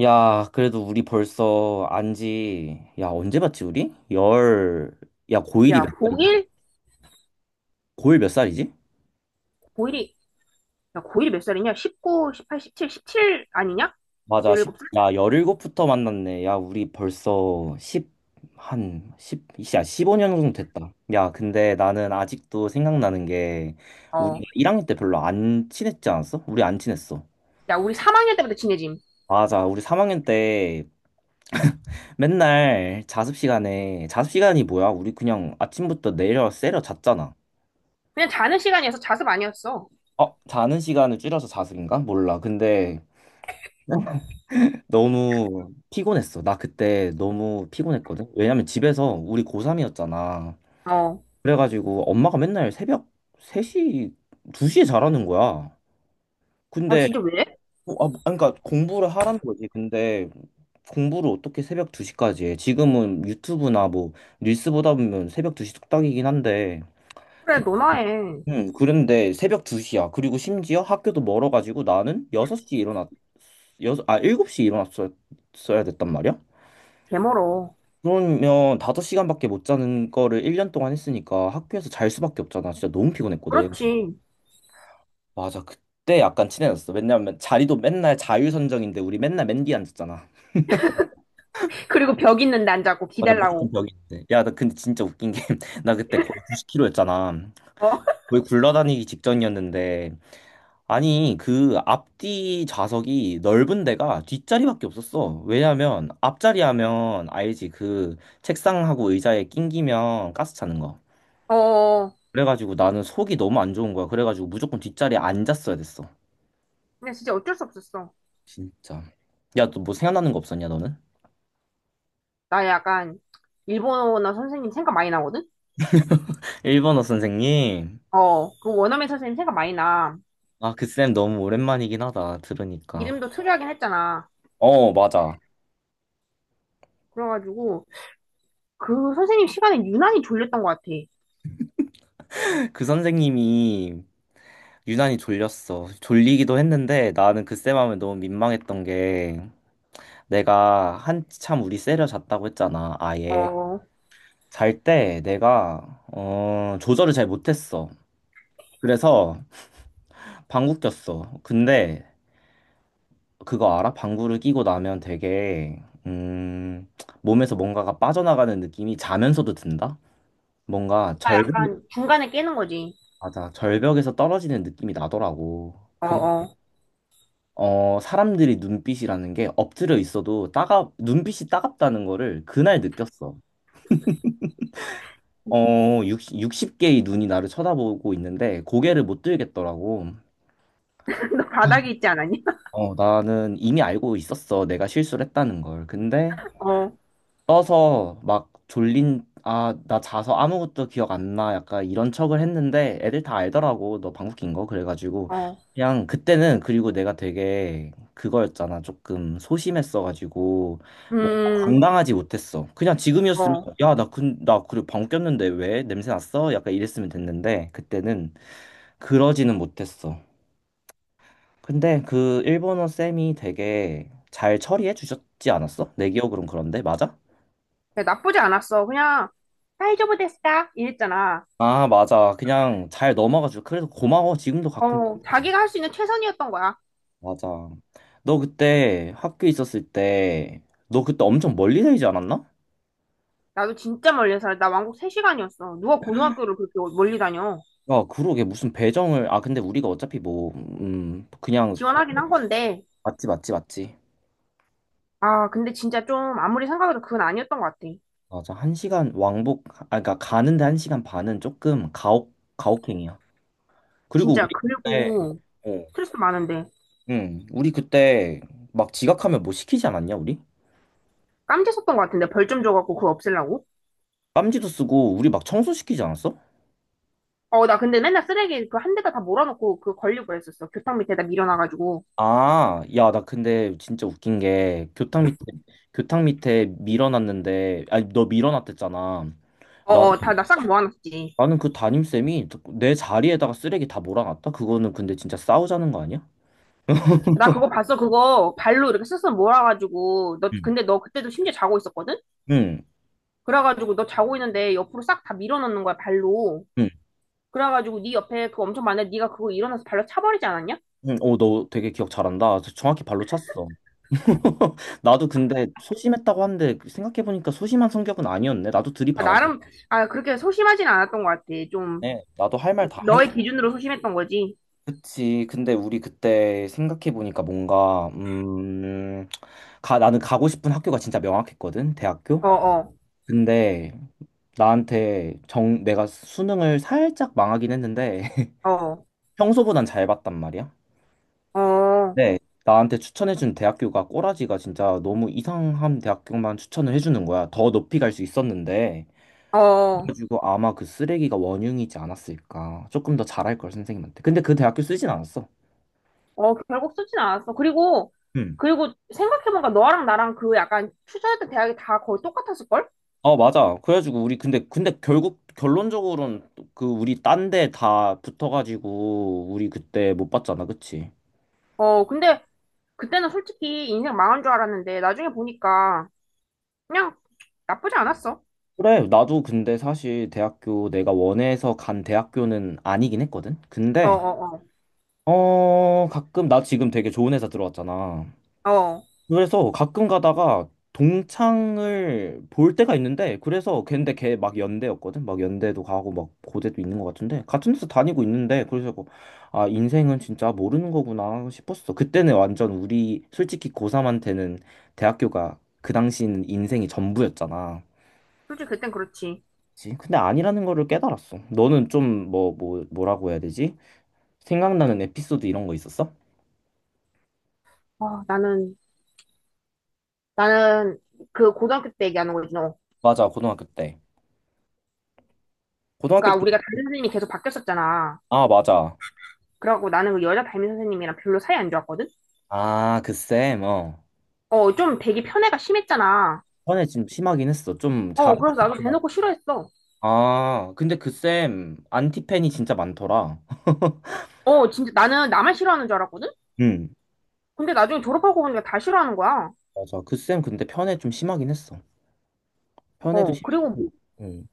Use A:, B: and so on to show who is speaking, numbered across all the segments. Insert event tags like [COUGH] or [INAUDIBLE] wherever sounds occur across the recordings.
A: 야, 그래도 우리 벌써 안지, 야, 언제 봤지, 우리? 야, 고1이
B: 야,
A: 몇 살이냐?
B: 고1?
A: 고1 몇 살이지?
B: 고일이 야, 고일이 몇 살이냐? 19, 18, 17, 17 아니냐?
A: 맞아,
B: 17살?
A: 10, 야, 일곱부터 만났네. 야, 우리 벌써 10, 한, 10, 야, 15년 정도 됐다. 야, 근데 나는 아직도 생각나는 게, 우리가
B: 어.
A: 1학년 때 별로 안 친했지 않았어? 우리 안 친했어.
B: 야, 우리 3학년 때부터 친해짐.
A: 맞아, 우리 3학년 때 맨날 자습 시간에, 자습 시간이 뭐야? 우리 그냥 아침부터 세려 잤잖아.
B: 그냥 자는 시간이어서 자습 아니었어.
A: 어, 자는 시간을 줄여서 자습인가? 몰라. 근데 [LAUGHS] 너무 피곤했어. 나 그때 너무 피곤했거든. 왜냐면 집에서 우리 고3이었잖아.
B: 어.
A: 그래가지고 엄마가 맨날 새벽 3시, 2시에 자라는 거야.
B: 아,
A: 근데,
B: 진짜 왜?
A: 아, 그러니까 공부를 하라는 거지. 근데 공부를 어떻게 새벽 2시까지 해? 지금은 유튜브나 뭐 릴스 보다 보면 새벽 2시 뚝딱이긴 한데
B: 그래, 너나 해.
A: 응, 그런데 새벽 2시야. 그리고 심지어 학교도 멀어가지고 나는 6시에 일어났, 7시에 일어났어야 됐단 말이야?
B: 개멀어.
A: 그러면 5시간밖에 못 자는 거를 1년 동안 했으니까 학교에서 잘 수밖에 없잖아. 진짜 너무 피곤했거든.
B: 그렇지.
A: 맞아, 그때 약간 친해졌어. 왜냐면 자리도 맨날 자유선정인데 우리 맨날 맨 뒤에 앉았잖아.
B: 그리고 벽 있는 난자고
A: 맞아, 무조건
B: 기달라고.
A: 벽이 있는데. 야, 나 근데 진짜 웃긴 게, [LAUGHS] 나 그때 거의 90kg였잖아.
B: 어?
A: 거의 굴러다니기 직전이었는데, 아니, 그 앞뒤 좌석이 넓은 데가 뒷자리밖에 없었어. 왜냐면 앞자리 하면 알지. 그 책상하고 의자에 낑기면 가스 차는 거.
B: [LAUGHS] 어.
A: 그래가지고 나는 속이 너무 안 좋은 거야. 그래가지고 무조건 뒷자리에 앉았어야 됐어.
B: 근데 진짜 어쩔 수 없었어.
A: 진짜. 야, 너 뭐 생각나는 거 없었냐, 너는?
B: 나 약간, 일본어 선생님 생각 많이 나거든?
A: 일본어 선생님.
B: 어. 그 원어민 선생님 생각 많이 나.
A: 아, 그 쌤 너무 오랜만이긴 하다. 들으니까.
B: 이름도 특이하긴 했잖아.
A: 어, 맞아.
B: 그래가지고, 그 선생님 시간에 유난히 졸렸던 것 같아.
A: [LAUGHS] 그 선생님이 유난히 졸렸어. 졸리기도 했는데 나는 그 쌤 하면 너무 민망했던 게 내가 한참 우리 세려 잤다고 했잖아,
B: 어,
A: 아예.
B: 어.
A: 잘 때 내가, 조절을 잘 못했어. 그래서 방구 꼈어. 근데 그거 알아? 방구를 끼고 나면 되게, 몸에서 뭔가가 빠져나가는 느낌이 자면서도 든다? 뭔가
B: 아,
A: 절벽,
B: 약간 중간에 깨는 거지.
A: 맞아. 절벽에서 떨어지는 느낌이 나더라고.
B: 어,
A: 근
B: 어.
A: 사람들이 눈빛이라는 게 엎드려 있어도 따가, 눈빛이 따갑다는 거를 그날 느꼈어. 60 개의 눈이 나를 쳐다보고 있는데 고개를 못 들겠더라고.
B: [LAUGHS] 너 바닥이 있지 않았니?
A: 어, 나는 이미 알고 있었어. 내가 실수를 했다는 걸. 근데
B: [LAUGHS] 어,
A: 떠서 막 졸린, 아, 나 자서 아무것도 기억 안 나. 약간 이런 척을 했는데 애들 다 알더라고. 너 방귀 낀 거. 그래가지고
B: 어.
A: 그냥 그때는 그리고 내가 되게 그거였잖아. 조금 소심했어가지고 뭐
B: 음,
A: 당당하지 못했어. 그냥 지금이었으면
B: 어.
A: 야, 나, 나 그래 방귀 꼈는데 왜? 냄새 났어? 약간 이랬으면 됐는데 그때는 그러지는 못했어. 근데 그 일본어 쌤이 되게 잘 처리해 주셨지 않았어? 내 기억으론 그런데 맞아?
B: 그래, 나쁘지 않았어. 그냥, 사이즈오브 데스다. 이랬잖아.
A: 아 맞아. 그냥 잘 넘어가 지고 그래서 고마워. 지금도 가끔
B: 어, 자기가 할 수 있는 최선이었던 거야.
A: 맞아. 너 그때 학교 있었을 때 너 그때 엄청 멀리 살지 않았나?
B: 나도 진짜 멀리 살아. 나 왕복 3시간이었어. 누가 고등학교를 그렇게 멀리 다녀.
A: 야 그러게 무슨 배정을 아 근데 우리가 어차피 뭐 그냥
B: 지원하긴 한 건데.
A: 맞지 맞지 맞지.
B: 아, 근데 진짜 좀, 아무리 생각해도 그건 아니었던 것 같아.
A: 맞아 1시간 왕복 아 그러니까 가는데 한 시간 반은 조금 가혹행위야. 그리고
B: 진짜.
A: 우리 그때
B: 그리고,
A: 어,
B: 스트레스 많은데.
A: 응, 우리 그때 막 지각하면 뭐 시키지 않았냐, 우리?
B: 깜지 썼던 것 같은데. 벌 좀 줘갖고 그거 없애려고.
A: 깜지도 쓰고 우리 막 청소시키지 않았어?
B: 어, 나 근데 맨날 쓰레기 그 한 대가 다 몰아놓고 그 걸리고 그랬었어. 교탁 밑에다 밀어놔가지고.
A: 아, 야, 나 근데 진짜 웃긴 게 교탁 밑에 밀어놨는데 아니 너 밀어놨댔잖아.
B: 어,
A: 나
B: 어, 다, 나 싹 모아놨지.
A: 나는 그 담임쌤이 내 자리에다가 쓰레기 다 몰아놨다. 그거는 근데 진짜 싸우자는 거 아니야?
B: 나 그거 봤어. 그거 발로 이렇게 쓱쓱 몰아가지고. 너,
A: 응.
B: 근데 너 그때도 심지어 자고 있었거든?
A: 응.
B: 그래가지고 너 자고 있는데 옆으로 싹 다 밀어넣는 거야, 발로.
A: 응.
B: 그래가지고 네 옆에 그거 엄청 많은데 네가 그거 일어나서 발로 차버리지 않았냐?
A: 응. 어, 너 되게 기억 잘한다. 정확히 발로 찼어. [LAUGHS] 나도 근데 소심했다고 하는데 생각해보니까 소심한 성격은 아니었네. 나도
B: 아,
A: 들이받았네.
B: 나름, 아, 그렇게 소심하진 않았던 것 같아. 좀,
A: 네, 나도 할 말 다 했.
B: 너의 기준으로 소심했던 거지.
A: 그치. 근데 우리 그때 생각해 보니까 뭔가 가 나는 가고 싶은 학교가 진짜 명확했거든. 대학교.
B: 어, 어,
A: 근데 나한테 정 내가 수능을 살짝 망하긴 했는데
B: 어,
A: [LAUGHS] 평소보단 잘 봤단 말이야.
B: 어,
A: 네. 나한테 추천해준 대학교가 꼬라지가 진짜 너무 이상한 대학교만 추천을 해주는 거야. 더 높이 갈 수 있었는데.
B: 어.
A: 그래가지고 아마 그 쓰레기가 원흉이지 않았을까. 조금 더 잘할 걸 선생님한테. 근데 그 대학교 쓰진 않았어.
B: 어, 결국 쓰진 않았어. 그리고, 그리고 생각해보니까 너랑 나랑 그 약간 투자했던 대학이 다 거의 똑같았을걸?
A: 어, 맞아. 그래가지고 우리 근데 결국 결론적으로는 그 우리 딴데 다 붙어가지고 우리 그때 못 봤잖아, 그치?
B: 어, 근데 그때는 솔직히 인생 망한 줄 알았는데 나중에 보니까 그냥 나쁘지 않았어.
A: 그래, 나도 근데 사실 대학교 내가 원해서 간 대학교는 아니긴 했거든.
B: 어,
A: 근데
B: 어,
A: 어 가끔 나 지금 되게 좋은 회사 들어왔잖아.
B: 어. 어,
A: 그래서 가끔 가다가 동창을 볼 때가 있는데 그래서 걔인데 걔 막 연대였거든 막 연대도 가고 막 고대도 있는 것 같은데 같은 데서 다니고 있는데 그래서 뭐, 아 인생은 진짜 모르는 거구나 싶었어 그때는 완전 우리 솔직히 고3한테는 대학교가 그 당시는 인생이 전부였잖아
B: 솔직히 그땐 그렇지.
A: 그치? 근데 아니라는 거를 깨달았어 너는 좀 뭐라고 해야 되지 생각나는 에피소드 이런 거 있었어?
B: 어, 나는, 나는 그 고등학교 때 얘기하는 거지, 너.
A: 맞아 고등학교 때 고등학교
B: 그러니까 우리가
A: 때
B: 담임 선생님이 계속 바뀌었었잖아.
A: 아 맞아
B: 그래갖고 나는 그 여자 담임 선생님이랑 별로 사이 안 좋았거든?
A: 아그쌤어
B: 어, 좀 되게 편애가 심했잖아.
A: 전에 좀 심하긴 했어. 좀 잘.
B: 어, 그래서 나도 대놓고 싫어했어.
A: 아, 근데 그 쌤, 안티팬이 진짜 많더라.
B: 어, 진짜 나는 나만 싫어하는 줄 알았거든?
A: 응,
B: 근데 나중에 졸업하고 보니까 다 싫어하는 거야.
A: 맞아. 그 쌤 근데 편애 좀 심하긴 했어. 편애도
B: 어, 그리고 뭐,
A: 심했고. 응.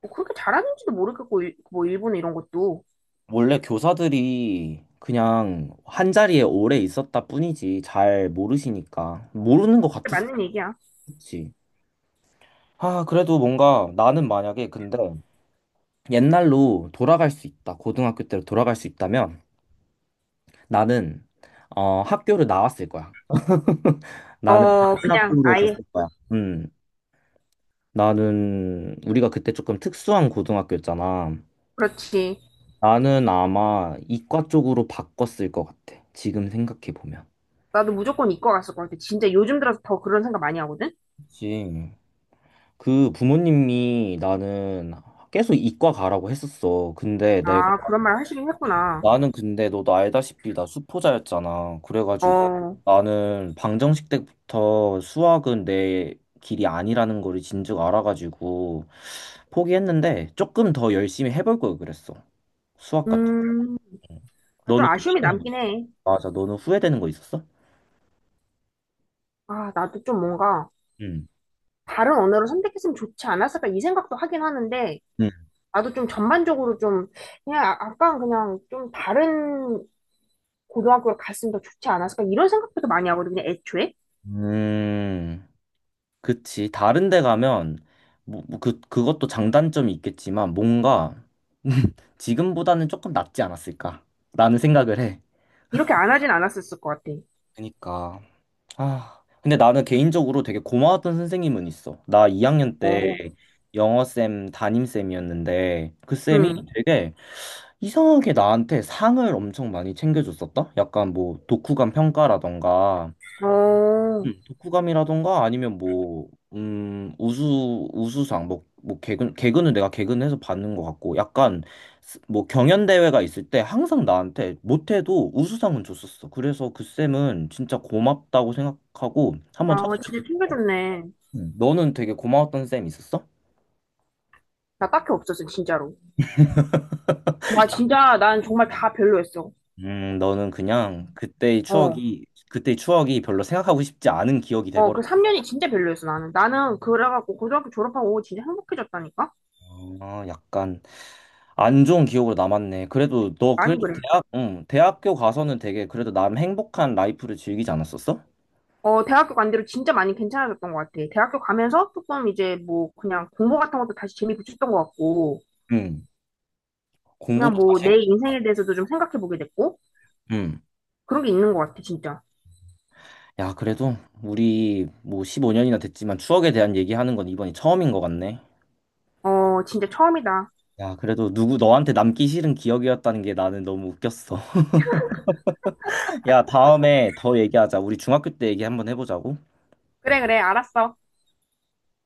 B: 뭐 그렇게 잘하는지도 모르겠고, 일- 뭐, 일본 이런 것도.
A: 원래 교사들이 그냥 한 자리에 오래 있었다 뿐이지. 잘 모르시니까. 모르는 것 같았어.
B: 맞는 얘기야.
A: 그치? 아, 그래도 뭔가 나는 만약에 근데 옛날로 돌아갈 수 있다. 고등학교 때로 돌아갈 수 있다면 나는 어, 학교를 나왔을 거야. 나는
B: 어,
A: 다른
B: 그냥
A: 학교로 갔을
B: 아예,
A: 거야. 음. 나는 우리가 그때 조금 특수한 고등학교였잖아.
B: 그렇지.
A: 나는 아마 이과 쪽으로 바꿨을 것 같아. 지금 생각해 보면.
B: 나도 무조건 이과 갔을 것 같아. 진짜 요즘 들어서 더 그런 생각 많이 하거든?
A: 그치. 그 부모님이 나는 계속 이과 가라고 했었어. 근데 내가
B: 아, 그런 말 하시긴 했구나.
A: 나는 근데 너도 알다시피 나 수포자였잖아. 그래가지고
B: 어,
A: 나는 방정식 때부터 수학은 내 길이 아니라는 걸 진즉 알아가지고 포기했는데 조금 더 열심히 해볼 걸 그랬어. 수학 같은 거.
B: 음, 좀
A: 너는
B: 아쉬움이
A: 후회되는 거,
B: 남긴 해.
A: 맞아. 너는 후회되는 거 있었어?
B: 아, 나도 좀 뭔가,
A: 응.
B: 다른 언어를 선택했으면 좋지 않았을까 이 생각도 하긴 하는데,
A: 응.
B: 나도 좀 전반적으로 좀, 그냥 아- 아까 그냥 좀 다른 고등학교를 갔으면 더 좋지 않았을까? 이런 생각부터 많이 하거든, 그냥 애초에.
A: 음, 그치. 다른 데 가면, 뭐 그것도 장단점이 있겠지만, 뭔가 [LAUGHS] 지금보다는 조금 낫지 않았을까? 라는 생각을 해.
B: 이렇게 안 하진 않았었을 것 같아.
A: 그니까. 아, 근데 나는 개인적으로 되게 고마웠던 선생님은 있어. 나 2학년 때
B: 어.
A: 영어쌤 담임쌤이었는데 그 쌤이
B: 응.
A: 되게 이상하게 나한테 상을 엄청 많이 챙겨줬었다? 약간 뭐 독후감 평가라던가
B: 어.
A: 독후감이라던가 아니면 뭐, 우수상, 뭐, 개근은 내가 개근해서 받는 것 같고, 약간, 뭐, 경연대회가 있을 때 항상 나한테 못해도 우수상은 줬었어. 그래서 그 쌤은 진짜 고맙다고 생각하고, 한번
B: 아,
A: 찾아뵙고
B: 진짜
A: 싶어.
B: 챙겨줬네.
A: 너는 되게 고마웠던 쌤 있었어?
B: 나 딱히 없었어, 진짜로. 나 진짜, 난 정말 다 별로였어.
A: 너는 그냥
B: 어.
A: 그때의 추억이 별로 생각하고 싶지 않은 기억이
B: 어,
A: 돼버렸어.
B: 그 3년이 진짜 별로였어, 나는. 나는 그래갖고 고등학교 졸업하고 진짜 행복해졌다니까?
A: 아, 약간. 안 좋은 기억으로 남았네. 그래도 너
B: 많이
A: 그래도
B: 그래.
A: 대학교 가서는 되게 그래도 남 행복한 라이프를 즐기지 않았었어?
B: 어, 대학교 간 대로 진짜 많이 괜찮아졌던 것 같아. 대학교 가면서 조금 이제 뭐 그냥 공부 같은 것도 다시 재미 붙였던 것 같고,
A: 응.
B: 그냥
A: 공부도
B: 뭐
A: 다시
B: 내
A: 했
B: 인생에 대해서도 좀 생각해보게 됐고,
A: 응.
B: 그런 게 있는 것 같아, 진짜.
A: 야, 그래도 우리 뭐 15년이나 됐지만 추억에 대한 얘기하는 건 이번이 처음인 것 같네.
B: 어, 진짜 처음이다.
A: 야, 그래도 누구 너한테 남기 싫은 기억이었다는 게 나는 너무 웃겼어. [LAUGHS] 야, 다음에 더 얘기하자. 우리 중학교 때 얘기 한번 해보자고.
B: 그래, 그래, 알았어.